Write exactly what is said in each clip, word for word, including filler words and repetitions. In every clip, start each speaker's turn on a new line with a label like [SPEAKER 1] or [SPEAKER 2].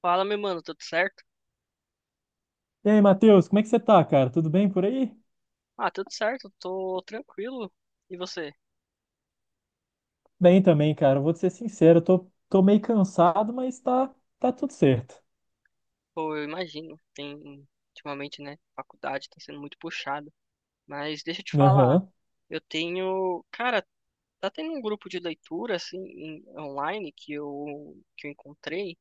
[SPEAKER 1] Fala, meu mano, tudo certo?
[SPEAKER 2] E aí, Matheus, como é que você tá, cara? Tudo bem por aí?
[SPEAKER 1] Ah, tudo certo, tô tranquilo. E você?
[SPEAKER 2] Bem também, cara. Vou te ser sincero, eu tô, tô meio cansado, mas tá, tá tudo certo.
[SPEAKER 1] Pô, eu imagino, tem ultimamente, né, faculdade tá sendo muito puxado. Mas deixa eu te falar,
[SPEAKER 2] Aham,
[SPEAKER 1] eu tenho, cara, tá tendo um grupo de leitura assim em- online que eu que eu encontrei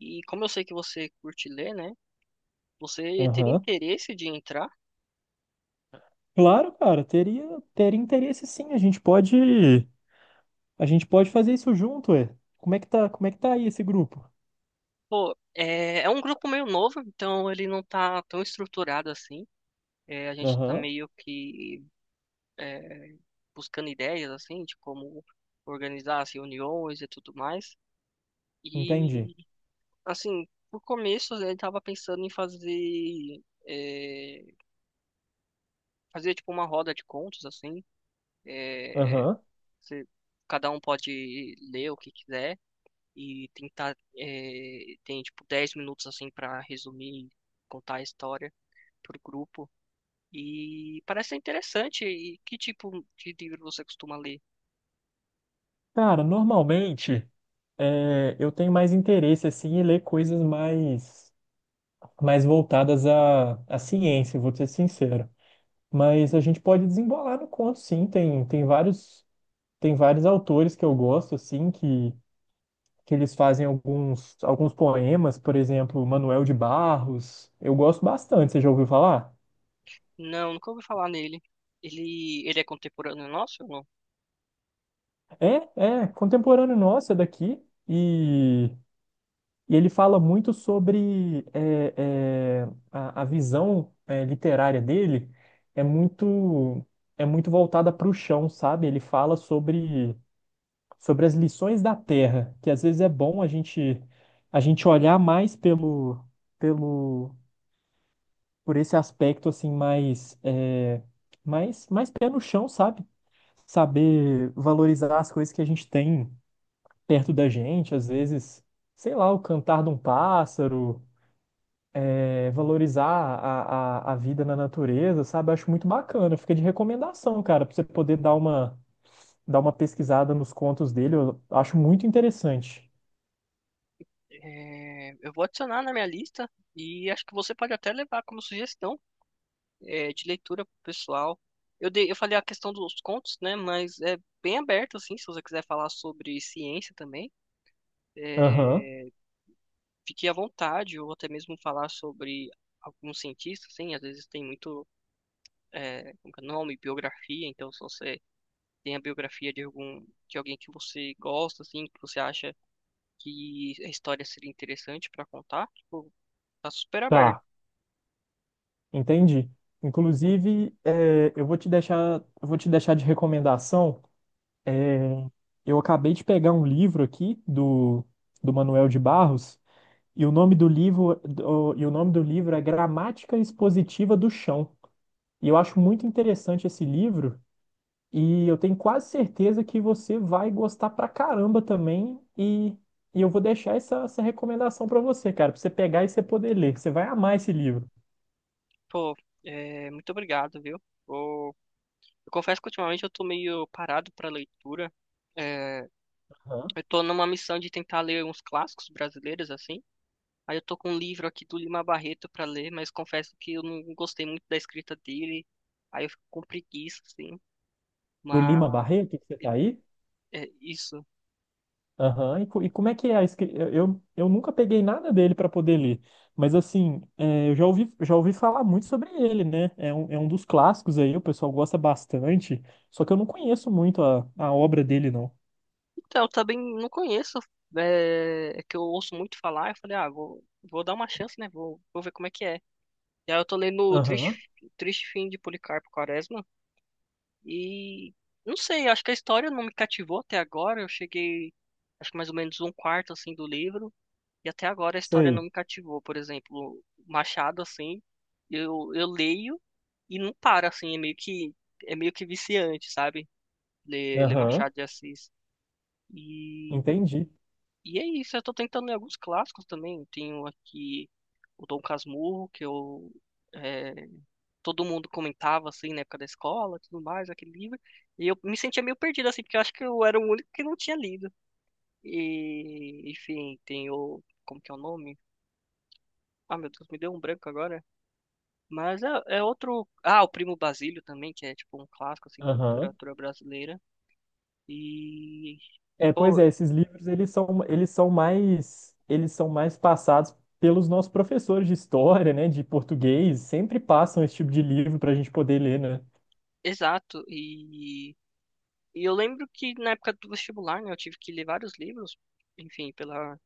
[SPEAKER 1] e como eu sei que você curte ler, né? Você teria
[SPEAKER 2] aham.
[SPEAKER 1] interesse de entrar?
[SPEAKER 2] Claro, cara, teria, teria interesse sim. A gente pode, a gente pode fazer isso junto, é. Como é que tá, como é que tá aí esse grupo?
[SPEAKER 1] Pô, é, é um grupo meio novo, então ele não tá tão estruturado assim. É, a gente tá
[SPEAKER 2] Aham,
[SPEAKER 1] meio que é, buscando ideias, assim, de como organizar as reuniões e tudo mais. E,
[SPEAKER 2] entendi.
[SPEAKER 1] assim, por começo, né, ele estava pensando em fazer, é, fazer, tipo, uma roda de contos, assim. É,
[SPEAKER 2] Aham.
[SPEAKER 1] você- cada um pode ler o que quiser e tentar, é, tem, tipo, dez minutos, assim, para resumir, contar a história pro grupo. E parece ser interessante. E que tipo de livro você costuma ler?
[SPEAKER 2] Cara, normalmente é, eu tenho mais interesse assim em ler coisas mais, mais voltadas à, à ciência, vou te ser sincero. Mas a gente pode desembolar no conto, sim. Tem, tem vários, tem vários autores que eu gosto, assim, que, que eles fazem alguns, alguns poemas, por exemplo, Manuel de Barros. Eu gosto bastante, você já ouviu falar?
[SPEAKER 1] Não, nunca ouvi falar nele. Ele, ele é contemporâneo nosso? Ou não?
[SPEAKER 2] É, é, contemporâneo nosso, é daqui. E, e ele fala muito sobre é, é, a, a visão é, literária dele é muito, é muito voltada para o chão, sabe? Ele fala sobre sobre as lições da Terra, que às vezes é bom a gente a gente olhar mais pelo pelo por esse aspecto assim mais é, mais mais pé no chão, sabe? Saber valorizar as coisas que a gente tem perto da gente, às vezes, sei lá, o cantar de um pássaro, é, valorizar a, a, a vida na natureza, sabe? Acho muito bacana. Fica de recomendação, cara, pra você poder dar uma dar uma pesquisada nos contos dele, eu acho muito interessante.
[SPEAKER 1] É, eu vou adicionar na minha lista e acho que você pode até levar como sugestão, é, de leitura pro pessoal. Eu dei, eu falei a questão dos contos, né? Mas é bem aberto, assim, se você quiser falar sobre ciência também,
[SPEAKER 2] Aham.
[SPEAKER 1] é, fique à vontade, ou até mesmo falar sobre alguns cientistas, assim, às vezes tem muito, é, como que é o nome, biografia. Então, se você tem a biografia de algum, de alguém que você gosta, assim, que você acha que a história seria interessante pra contar, tipo, tá super aberto.
[SPEAKER 2] Tá, entendi. Inclusive, é, eu vou te deixar, eu vou te deixar de recomendação. Eu acabei de pegar um livro aqui do, do Manuel de Barros, e o nome do livro, do- e o nome do livro é Gramática Expositiva do Chão. E eu acho muito interessante esse livro, e eu tenho quase certeza que você vai gostar pra caramba também. E, e eu vou deixar essa, essa recomendação pra você, cara, pra você pegar e você poder ler. Você vai amar esse livro.
[SPEAKER 1] Pô, é, muito obrigado, viu? Vou- Eu confesso que ultimamente eu tô meio parado pra leitura. É,
[SPEAKER 2] Aham.
[SPEAKER 1] eu tô numa missão de tentar ler uns clássicos brasileiros, assim. Aí eu tô com um livro aqui do Lima Barreto pra ler, mas confesso que eu não gostei muito da escrita dele. Aí eu fico com preguiça, assim.
[SPEAKER 2] Do
[SPEAKER 1] Mas
[SPEAKER 2] Lima Barreto, que você tá aí?
[SPEAKER 1] é isso.
[SPEAKER 2] Aham, e, co- e como é que é a escrita? Eu, eu eu nunca peguei nada dele para poder ler, mas assim, é, eu já ouvi, já ouvi falar muito sobre ele, né? É um, é um dos clássicos aí, o pessoal gosta bastante, só que eu não conheço muito a, a obra dele, não.
[SPEAKER 1] Então, eu também não conheço. É, é que eu ouço muito falar. Eu falei, ah, vou, vou dar uma chance, né? Vou, vou ver como é que é. E aí eu tô lendo o
[SPEAKER 2] Aham,
[SPEAKER 1] Triste, Triste Fim de Policarpo Quaresma e não sei, acho que a história não me cativou até agora. Eu cheguei, acho que mais ou menos um quarto assim do livro e até agora a história não
[SPEAKER 2] sei.
[SPEAKER 1] me cativou. Por exemplo, Machado assim, eu eu leio e não para assim, é meio que é meio que viciante, sabe? Ler, ler
[SPEAKER 2] Aham,
[SPEAKER 1] Machado de Assis. E
[SPEAKER 2] entendi.
[SPEAKER 1] e é isso, eu tô tentando ler alguns clássicos também. Tenho aqui o Dom Casmurro, que eu é, todo mundo comentava, assim, na época da escola, tudo mais, aquele livro. E eu me sentia meio perdido, assim, porque eu acho que eu era o único que não tinha lido. E, enfim, tem o... Como que é o nome? Ah, meu Deus, me deu um branco agora. Mas é, é outro... Ah, o Primo Basílio também, que é, tipo, um clássico, assim, da
[SPEAKER 2] Aham.
[SPEAKER 1] literatura brasileira. E...
[SPEAKER 2] É, pois
[SPEAKER 1] Pô,
[SPEAKER 2] é, esses livros, eles são, eles são mais, eles são mais passados pelos nossos professores de história, né, de português, sempre passam esse tipo de livro para a gente poder ler, né?
[SPEAKER 1] exato. E... E eu lembro que na época do vestibular, né, eu tive que ler vários livros, enfim, pela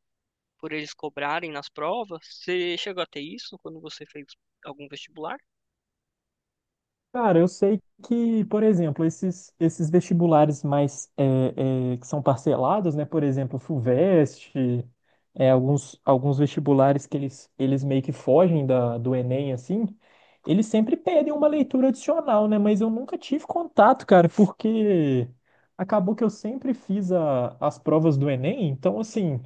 [SPEAKER 1] por eles cobrarem nas provas. Você chegou a ter isso quando você fez algum vestibular?
[SPEAKER 2] Cara, eu sei que, por exemplo, esses, esses vestibulares mais é, é, que são parcelados, né? Por exemplo, o FUVEST, é, alguns, alguns vestibulares que eles, eles meio que fogem da, do Enem, assim, eles sempre pedem uma leitura adicional, né? Mas eu nunca tive contato, cara, porque acabou que eu sempre fiz a- as provas do Enem, então, assim,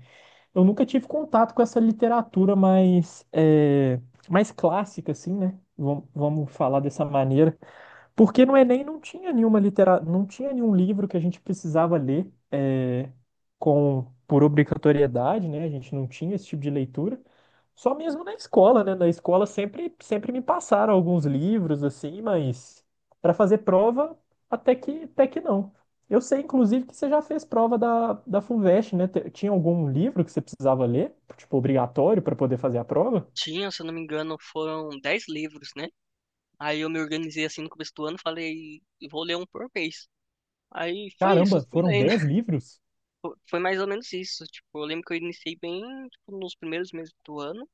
[SPEAKER 2] eu nunca tive contato com essa literatura mais, é, mais clássica, assim, né? Vamos, vamos falar dessa maneira. Porque no Enem não tinha nenhuma litera... não tinha nenhum livro que a gente precisava ler é, com por obrigatoriedade, né? A gente não tinha esse tipo de leitura. Só mesmo na escola, né? Na escola sempre sempre me passaram alguns livros assim, mas para fazer prova até que até que não. Eu sei, inclusive, que você já fez prova da, da Fuvest né? Te- tinha algum livro que você precisava ler, tipo, obrigatório para poder fazer a prova?
[SPEAKER 1] Tinha, se eu não me engano, foram dez livros, né? Aí eu me organizei assim no começo do ano, falei, vou ler um por mês. Aí foi isso,
[SPEAKER 2] Caramba,
[SPEAKER 1] fui
[SPEAKER 2] foram
[SPEAKER 1] lendo.
[SPEAKER 2] dez livros?
[SPEAKER 1] Fo- Foi mais ou menos isso. Tipo, eu lembro que eu iniciei bem, tipo, nos primeiros meses do ano.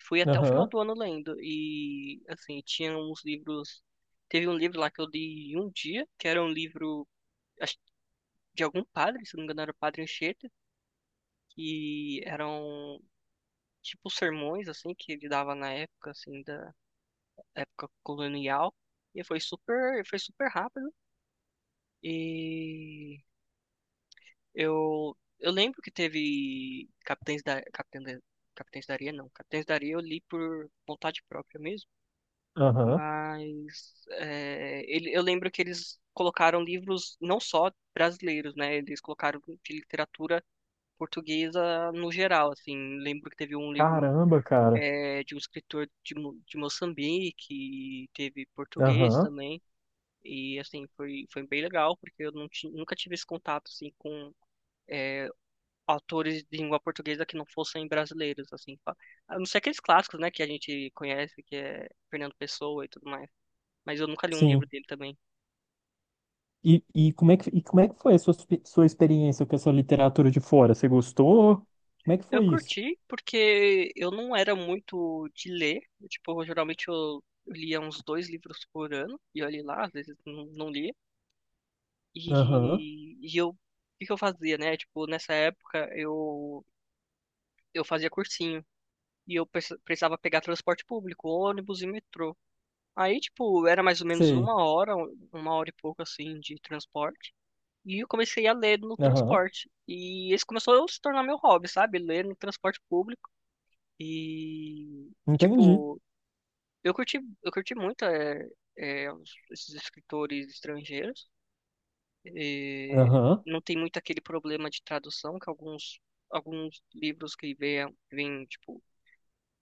[SPEAKER 1] Fui até o final
[SPEAKER 2] Aham,
[SPEAKER 1] do ano lendo. E, assim, tinha uns livros. Teve um livro lá que eu li em um dia, que era um livro, acho, de algum padre, se eu não me engano, era o Padre Anchieta, que eram tipo sermões assim que ele dava na época assim da época colonial e foi super foi super rápido. E eu eu lembro que teve Capitães da Capitães da, Capitães da Areia. Não, Capitães da Areia eu li por vontade própria mesmo.
[SPEAKER 2] aham.
[SPEAKER 1] Mas é, ele, eu lembro que eles colocaram livros não só brasileiros, né, eles colocaram de literatura portuguesa no geral, assim. Lembro que teve um livro,
[SPEAKER 2] Caramba, cara.
[SPEAKER 1] é, de um escritor de, Mo- de Moçambique, e teve português
[SPEAKER 2] Aham,
[SPEAKER 1] também. E assim, foi, foi bem legal, porque eu não ti- nunca tive esse contato assim com, é, autores de língua portuguesa que não fossem brasileiros, assim, fa- a não ser aqueles clássicos, né, que a gente conhece, que é Fernando Pessoa e tudo mais. Mas eu nunca li um
[SPEAKER 2] sim.
[SPEAKER 1] livro dele também.
[SPEAKER 2] E, e, como é que, e como é que foi a sua, expe- sua experiência com essa literatura de fora? Você gostou? Como é que
[SPEAKER 1] Eu
[SPEAKER 2] foi isso?
[SPEAKER 1] curti porque eu não era muito de ler, tipo, geralmente eu lia uns dois livros por ano, e olhe lá, às vezes não, não lia.
[SPEAKER 2] Aham,
[SPEAKER 1] E, e eu, o que que eu fazia, né? Tipo, nessa época eu, eu fazia cursinho e eu preci- precisava pegar transporte público, ônibus e metrô. Aí, tipo, era mais ou menos
[SPEAKER 2] sei.
[SPEAKER 1] uma hora, uma hora e pouco assim de transporte. E eu comecei a ler no
[SPEAKER 2] Aham,
[SPEAKER 1] transporte. E esse começou a se tornar meu hobby, sabe? Ler no transporte público. E, e,
[SPEAKER 2] entendi.
[SPEAKER 1] tipo, eu curti, eu curti muito é é os- esses escritores estrangeiros. Eh,
[SPEAKER 2] Aham,
[SPEAKER 1] não tem muito aquele problema de tradução que alguns alguns livros que vêm vêm tipo,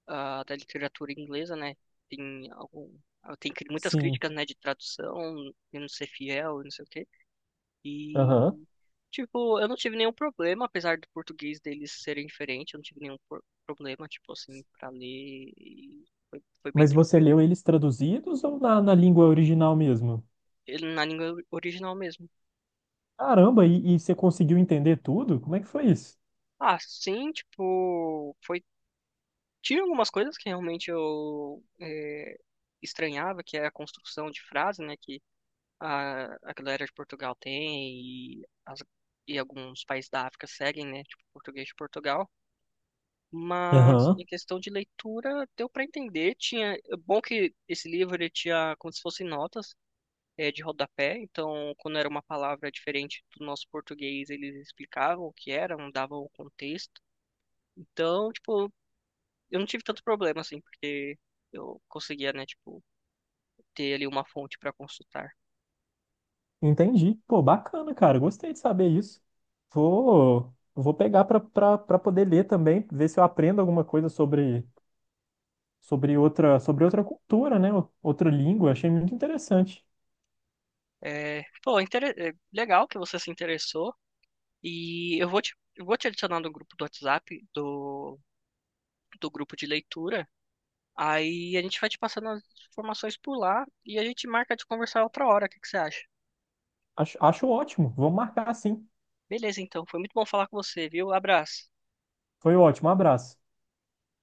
[SPEAKER 1] ah, da literatura inglesa, né? Tem algum ah, tem cri- muitas
[SPEAKER 2] sim.
[SPEAKER 1] críticas, né, de tradução, e não ser fiel, e não sei o quê.
[SPEAKER 2] Aham.
[SPEAKER 1] E tipo, eu não tive nenhum problema, apesar do português deles serem diferente, eu não tive nenhum por- problema, tipo assim, para ler e foi, foi bem
[SPEAKER 2] Mas você
[SPEAKER 1] tranquilo.
[SPEAKER 2] leu eles traduzidos ou na, na língua original mesmo?
[SPEAKER 1] Ele na língua original mesmo.
[SPEAKER 2] Caramba, e, e você conseguiu entender tudo? Como é que foi isso?
[SPEAKER 1] Ah, sim, tipo, foi. Tinha algumas coisas que realmente eu eh, estranhava, que é a construção de frase, né, que a, a galera de Portugal tem e, as- e alguns países da África seguem, né, tipo português de Portugal. Mas
[SPEAKER 2] Aham,
[SPEAKER 1] em questão de leitura, deu para entender. Tinha, é bom que esse livro ele tinha como se fossem notas, eh, de rodapé. Então, quando era uma palavra diferente do nosso português, eles explicavam o que era, não davam o contexto. Então, tipo, eu não tive tanto problema, assim, porque eu conseguia, né, tipo, ter ali uma fonte para consultar.
[SPEAKER 2] entendi. Pô, bacana, cara. Gostei de saber isso. Vou, vou pegar pra, pra, pra poder ler também, ver se eu aprendo alguma coisa sobre. Sobre outra, sobre outra cultura, né? Outra língua. Achei muito interessante.
[SPEAKER 1] É, pô, intere- é, legal que você se interessou e eu vou te, eu vou te adicionar no grupo do WhatsApp, do, do grupo de leitura. Aí a gente vai te passando as informações por lá e a gente marca de conversar outra hora. O que que você acha?
[SPEAKER 2] Acho, acho ótimo. Vamos marcar sim.
[SPEAKER 1] Beleza, então. Foi muito bom falar com você, viu? Abraço.
[SPEAKER 2] Foi ótimo. Um abraço.